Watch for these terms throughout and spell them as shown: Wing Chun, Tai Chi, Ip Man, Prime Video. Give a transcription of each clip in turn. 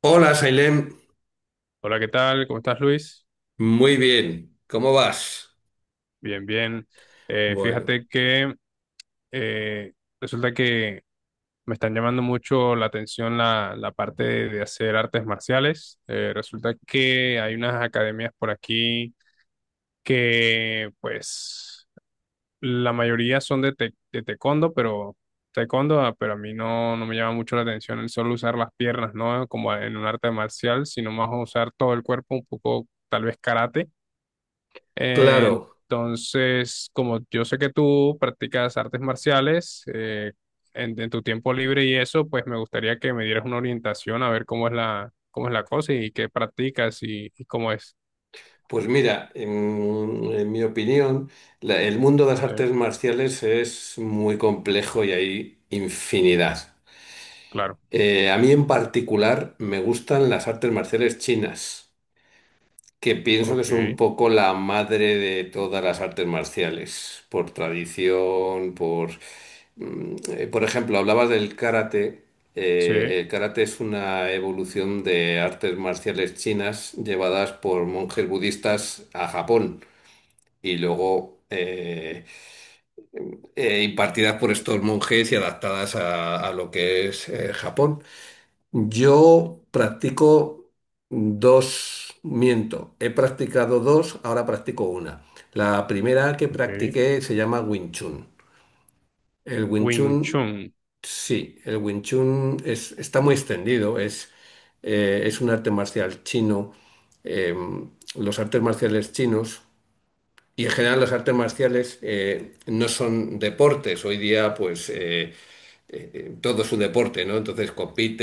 Hola, Sailem. Hola, ¿qué tal? ¿Cómo estás, Luis? Muy bien. ¿Cómo vas? Bien, bien. Bueno, Fíjate que eh, resulta que me están llamando mucho la atención la parte de hacer artes marciales. Resulta que hay unas academias por aquí que, pues, la mayoría son de taekwondo, pero taekwondo, ah, pero a mí no me llama mucho la atención el solo usar las piernas, ¿no? Como en un arte marcial, sino más usar todo el cuerpo, un poco, tal vez karate. claro. Entonces, como yo sé que tú practicas artes marciales en tu tiempo libre y eso, pues me gustaría que me dieras una orientación a ver cómo es cómo es la cosa y qué practicas y cómo es. Pues mira, en mi opinión, el mundo de las Sí, artes marciales es muy complejo y hay infinidad. claro. A mí en particular me gustan las artes marciales chinas, que pienso que Ok, son un poco la madre de todas las artes marciales, por tradición. Por ejemplo, hablabas del karate. sí, El karate es una evolución de artes marciales chinas llevadas por monjes budistas a Japón, y luego impartidas por estos monjes y adaptadas a lo que es Japón. Yo practico dos, miento, he practicado dos, ahora practico una. La primera que ok. practiqué se llama Wing Chun. El Wing Wing Chun, Chun. sí, el Wing Chun está muy extendido, es un arte marcial chino. eh, los artes marciales chinos y, en general, las artes marciales no son deportes. Hoy día, pues, todo su deporte, ¿no? Entonces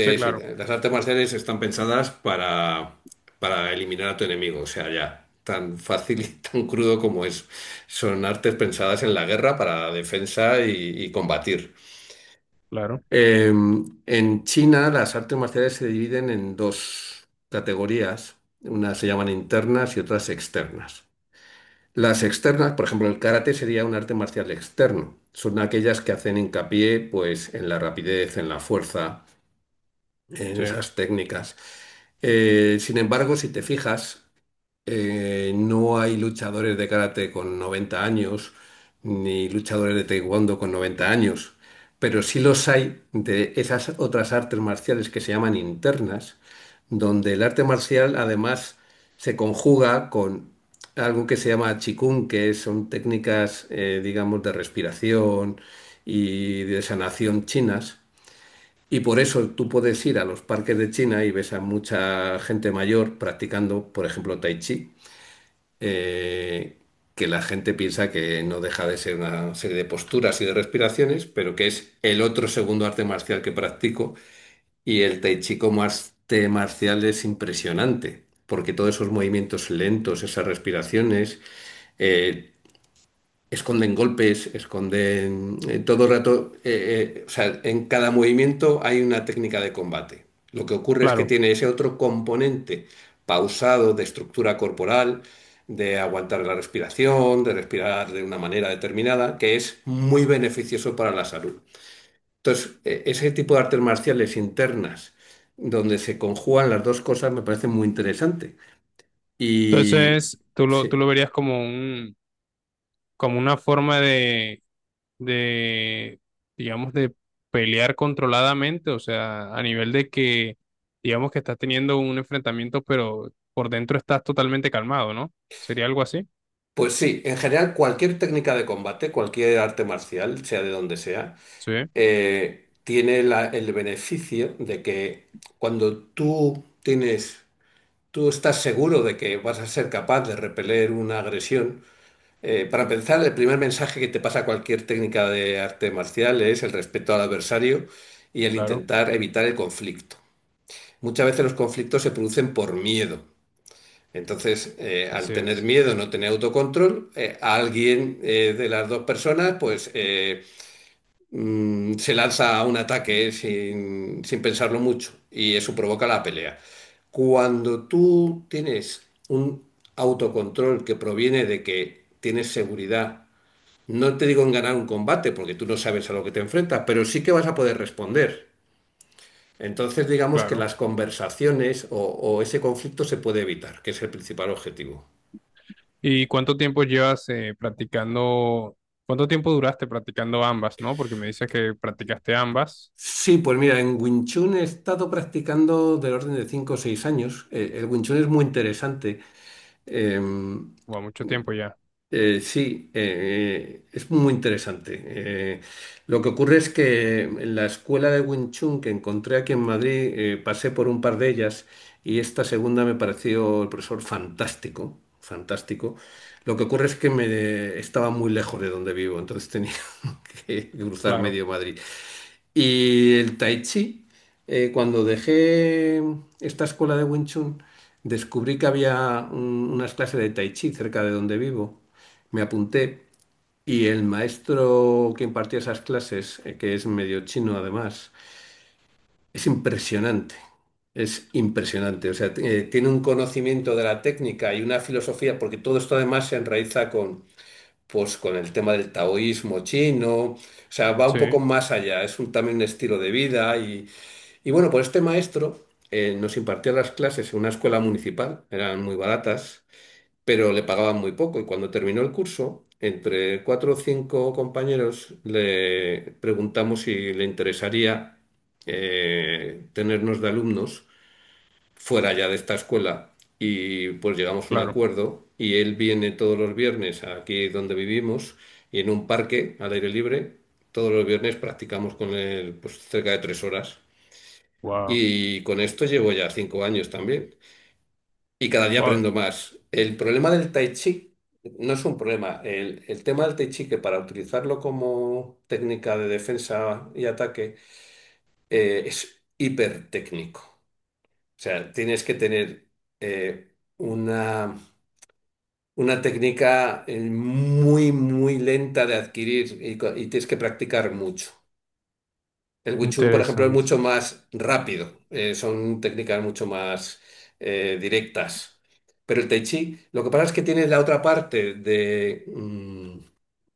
Sí, y claro, tal. Las artes marciales están pensadas para eliminar a tu enemigo, o sea, ya, tan fácil y tan crudo como es. Son artes pensadas en la guerra para defensa y combatir. claro, Eh, en China las artes marciales se dividen en dos categorías: unas se llaman internas y otras externas. Las externas, por ejemplo, el karate sería un arte marcial externo. Son aquellas que hacen hincapié, pues, en la rapidez, en la fuerza, en sí, esas técnicas. Sin embargo, si te fijas, no hay luchadores de karate con 90 años, ni luchadores de taekwondo con 90 años, pero sí los hay de esas otras artes marciales que se llaman internas, donde el arte marcial además se conjuga con algo que se llama chikun, que son técnicas, digamos, de respiración y de sanación chinas, y por eso tú puedes ir a los parques de China y ves a mucha gente mayor practicando, por ejemplo, tai chi, eh, que la gente piensa que no deja de ser una serie de posturas y de respiraciones, pero que es el otro segundo arte marcial que practico. Y el tai chi como arte marcial es impresionante, porque todos esos movimientos lentos, esas respiraciones, eh, esconden golpes, esconden todo el rato, o sea, en cada movimiento hay una técnica de combate. Lo que ocurre es que claro. tiene ese otro componente pausado de estructura corporal, de aguantar la respiración, de respirar de una manera determinada, que es muy beneficioso para la salud. Entonces, ese tipo de artes marciales internas, donde se conjugan las dos cosas, me parece muy interesante. Y Entonces, tú sí. lo verías como como una forma de de, digamos, de pelear controladamente, o sea, a nivel de que, digamos, que estás teniendo un enfrentamiento, pero por dentro estás totalmente calmado, ¿no? ¿Sería algo así? Pues sí, en general cualquier técnica de combate, cualquier arte marcial, sea de donde sea, Sí, tiene el beneficio de que, cuando tú tienes, tú estás seguro de que vas a ser capaz de repeler una agresión. Para empezar, el primer mensaje que te pasa cualquier técnica de arte marcial es el respeto al adversario y el claro, intentar evitar el conflicto. Muchas veces los conflictos se producen por miedo. Entonces, al así tener es, miedo, no tener autocontrol, a alguien de las dos personas, pues se lanza a un ataque sin pensarlo mucho, y eso provoca la pelea. Cuando tú tienes un autocontrol que proviene de que tienes seguridad, no te digo en ganar un combate, porque tú no sabes a lo que te enfrentas, pero sí que vas a poder responder. Entonces, digamos que claro. las conversaciones o ese conflicto se puede evitar, que es el principal objetivo. ¿Y cuánto tiempo llevas practicando, cuánto tiempo duraste practicando ambas, ¿no? Porque me dices que practicaste ambas, Sí, pues mira, en Wing Chun he estado practicando del orden de 5 o 6 años. El Wing Chun es muy interesante. Eh, o mucho tiempo ya, sí, es muy interesante. Lo que ocurre es que en la escuela de Wing Chun que encontré aquí en Madrid, pasé por un par de ellas, y esta segunda me pareció el profesor fantástico, fantástico. Lo que ocurre es que me estaba muy lejos de donde vivo, entonces tenía que cruzar claro, medio Madrid. Y el Tai Chi. Cuando dejé esta escuela de Wing Chun, descubrí que había unas clases de Tai Chi cerca de donde vivo. Me apunté, y el maestro que impartía esas clases, que es medio chino además, es impresionante. Es impresionante. O sea, tiene un conocimiento de la técnica y una filosofía, porque todo esto además se enraiza con, pues, con el tema del taoísmo chino. O sea, va un sí, poco más allá. Es un, también un estilo de vida, y bueno, pues este maestro nos impartía las clases en una escuela municipal, eran muy baratas, pero le pagaban muy poco. Y cuando terminó el curso, entre cuatro o cinco compañeros le preguntamos si le interesaría tenernos de alumnos fuera ya de esta escuela. Y pues llegamos a un claro, acuerdo y él viene todos los viernes aquí donde vivimos, y en un parque al aire libre, todos los viernes practicamos con él, pues, cerca de 3 horas. wow, Y con esto llevo ya 5 años también. Y cada día wow, aprendo más. El problema del tai chi no es un problema. El tema del tai chi, que para utilizarlo como técnica de defensa y ataque, es hipertécnico. O sea, tienes que tener eh, una, una técnica muy, muy lenta de adquirir, y tienes que practicar mucho. El Wing Chun, por ejemplo, es interesante, mucho más rápido, son técnicas mucho más directas. Pero el Tai Chi, lo que pasa es que tiene la otra parte de, mm,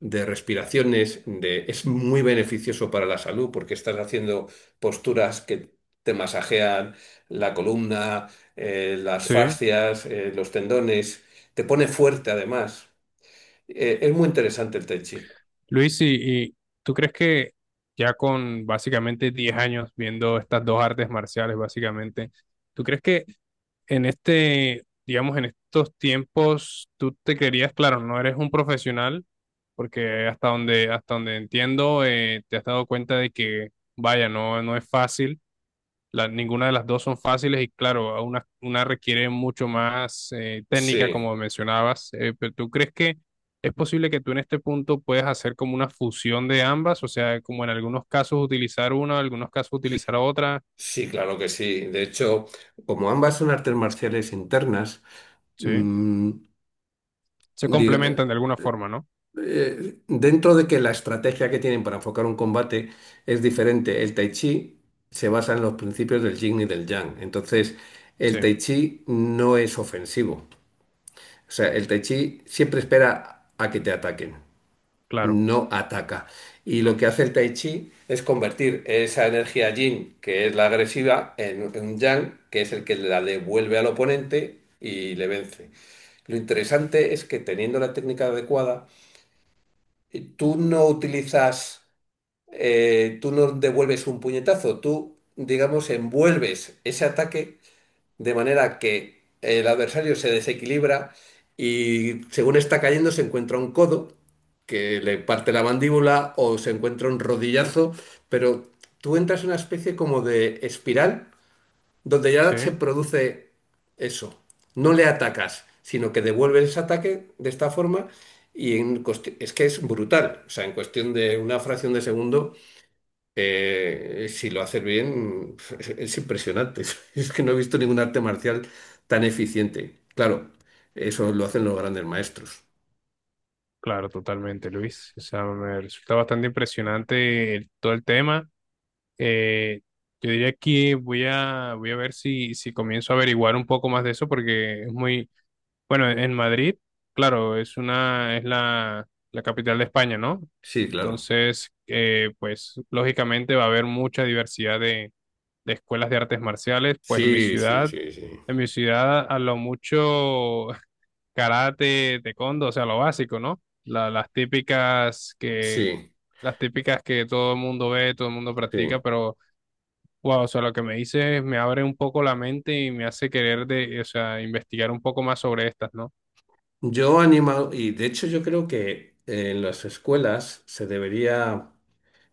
de respiraciones, es muy beneficioso para la salud, porque estás haciendo posturas que te masajean la columna, las sí, fascias, los tendones, te pone fuerte además. Es muy interesante el Tai Chi. Luis, ¿y tú crees que ya con básicamente 10 años viendo estas dos artes marciales, básicamente, ¿tú crees que en este, digamos, en estos tiempos, tú te querías, claro, no eres un profesional, porque hasta donde entiendo, te has dado cuenta de que, vaya, no es fácil la- ninguna de las dos son fáciles y claro, una requiere mucho más técnica, Sí. como mencionabas, pero ¿tú crees que es posible que tú en este punto puedas hacer como una fusión de ambas? O sea, como en algunos casos utilizar una, en algunos casos utilizar otra, Sí, claro que sí. De hecho, como ambas son artes marciales internas, ¿sí? mm, Se diga- complementan de alguna forma, ¿no? Dentro de que la estrategia que tienen para enfocar un combate es diferente, el Tai Chi se basa en los principios del Yin y del Yang. Entonces, Sí, el Tai Chi no es ofensivo. O sea, el Tai Chi siempre espera a que te ataquen, claro, no ataca. Y lo que hace el tai chi es convertir esa energía yin, que es la agresiva, en un yang, que es el que la devuelve al oponente y le vence. Lo interesante es que, teniendo la técnica adecuada, tú no utilizas, tú no devuelves un puñetazo, tú, digamos, envuelves ese ataque de manera que el adversario se desequilibra, y según está cayendo se encuentra un codo que le parte la mandíbula, o se encuentra un rodillazo, pero tú entras en una especie como de espiral donde sí, ya se produce eso. No le atacas, sino que devuelves ese ataque de esta forma. Es que es brutal. O sea, en cuestión de una fracción de segundo, si lo haces bien, es impresionante. Es que no he visto ningún arte marcial tan eficiente. Claro, eso lo hacen los grandes maestros. claro, totalmente, Luis. O sea, me resulta bastante impresionante el- todo el tema. Eh, yo diría que voy a ver si comienzo a averiguar un poco más de eso porque es muy, bueno, en Madrid, claro, es una, es la capital de España, ¿no? Sí, claro. Entonces, pues lógicamente va a haber mucha diversidad de escuelas de artes marciales. Pues Sí, sí, sí, sí. en mi ciudad a lo mucho karate, taekwondo, o sea, lo básico, ¿no? La- Sí, las típicas que todo el mundo ve, todo el mundo practica, sí. pero wow, o sea, lo que me dices me abre un poco la mente y me hace querer de, o sea, investigar un poco más sobre estas, ¿no? Yo animo, y de hecho yo creo que en las escuelas se debería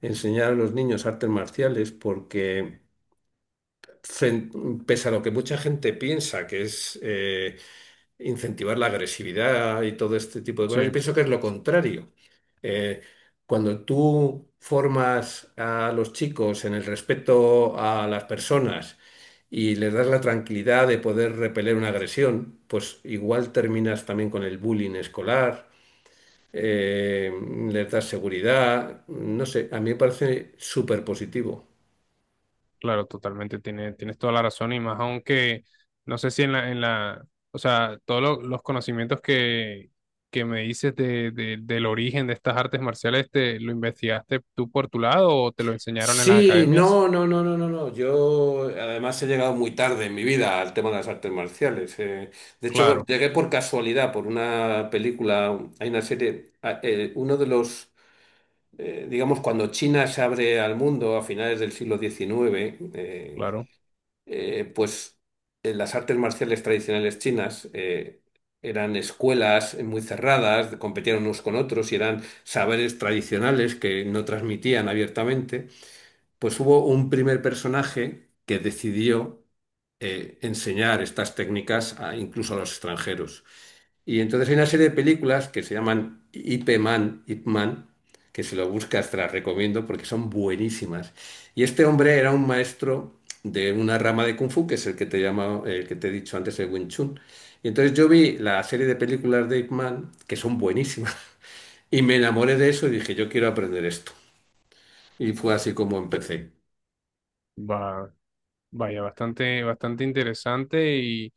enseñar a los niños artes marciales, porque, pese a lo que mucha gente piensa que es incentivar la agresividad y todo este tipo de cosas, yo Sí. pienso que es lo contrario. Eh, Cuando tú formas a los chicos en el respeto a las personas y les das la tranquilidad de poder repeler una agresión, pues igual terminas también con el bullying escolar. eh, Les das seguridad, no sé, a mí me parece súper positivo. Claro, totalmente, tiene, tienes toda la razón y más aunque, no sé si en en la, o sea, todos lo- los conocimientos que me dices de- del origen de estas artes marciales, ¿te lo investigaste tú por tu lado o te lo enseñaron en las Sí, academias? no, no, no, no, no, no. Yo además he llegado muy tarde en mi vida al tema de las artes marciales. De hecho, Claro, llegué por casualidad, por una película, hay una serie, uno de los, digamos, cuando China se abre al mundo a finales del siglo XIX, claro, pues las artes marciales tradicionales chinas eran escuelas muy cerradas, competían unos con otros y eran saberes tradicionales que no transmitían abiertamente. Pues hubo un primer personaje que decidió enseñar estas técnicas incluso a los extranjeros. Y entonces hay una serie de películas que se llaman Ip Man, Ip Man, que, si lo buscas, te las recomiendo porque son buenísimas. Y este hombre era un maestro de una rama de Kung Fu, que es el que te llama, el que te he dicho antes, el Wing Chun. Y entonces yo vi la serie de películas de Ip Man, que son buenísimas, y me enamoré de eso y dije, yo quiero aprender esto. Y fue así como empecé. va, vaya, bastante, bastante interesante y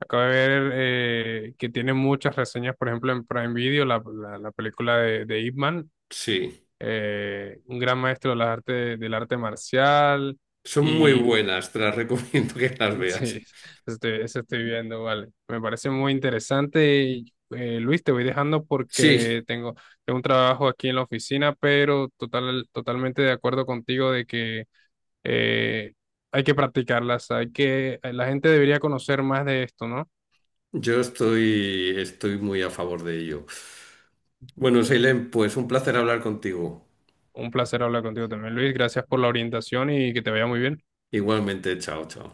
acabo de ver que tiene muchas reseñas, por ejemplo, en Prime Video, la película de Ip Man, Sí. Un gran maestro de las artes, del arte marcial Son muy y buenas, te las recomiendo que las sí, veas. Eso estoy viendo, vale. Me parece muy interesante y Luis, te voy dejando Sí, porque tengo, tengo un trabajo aquí en la oficina, pero total, totalmente de acuerdo contigo de que eh, hay que practicarlas, hay que, la gente debería conocer más de esto, ¿no? yo estoy, estoy muy a favor de ello. Bueno, Seilem, pues un placer hablar contigo. Un placer hablar contigo también, Luis. Gracias por la orientación y que te vaya muy bien. Igualmente, chao, chao.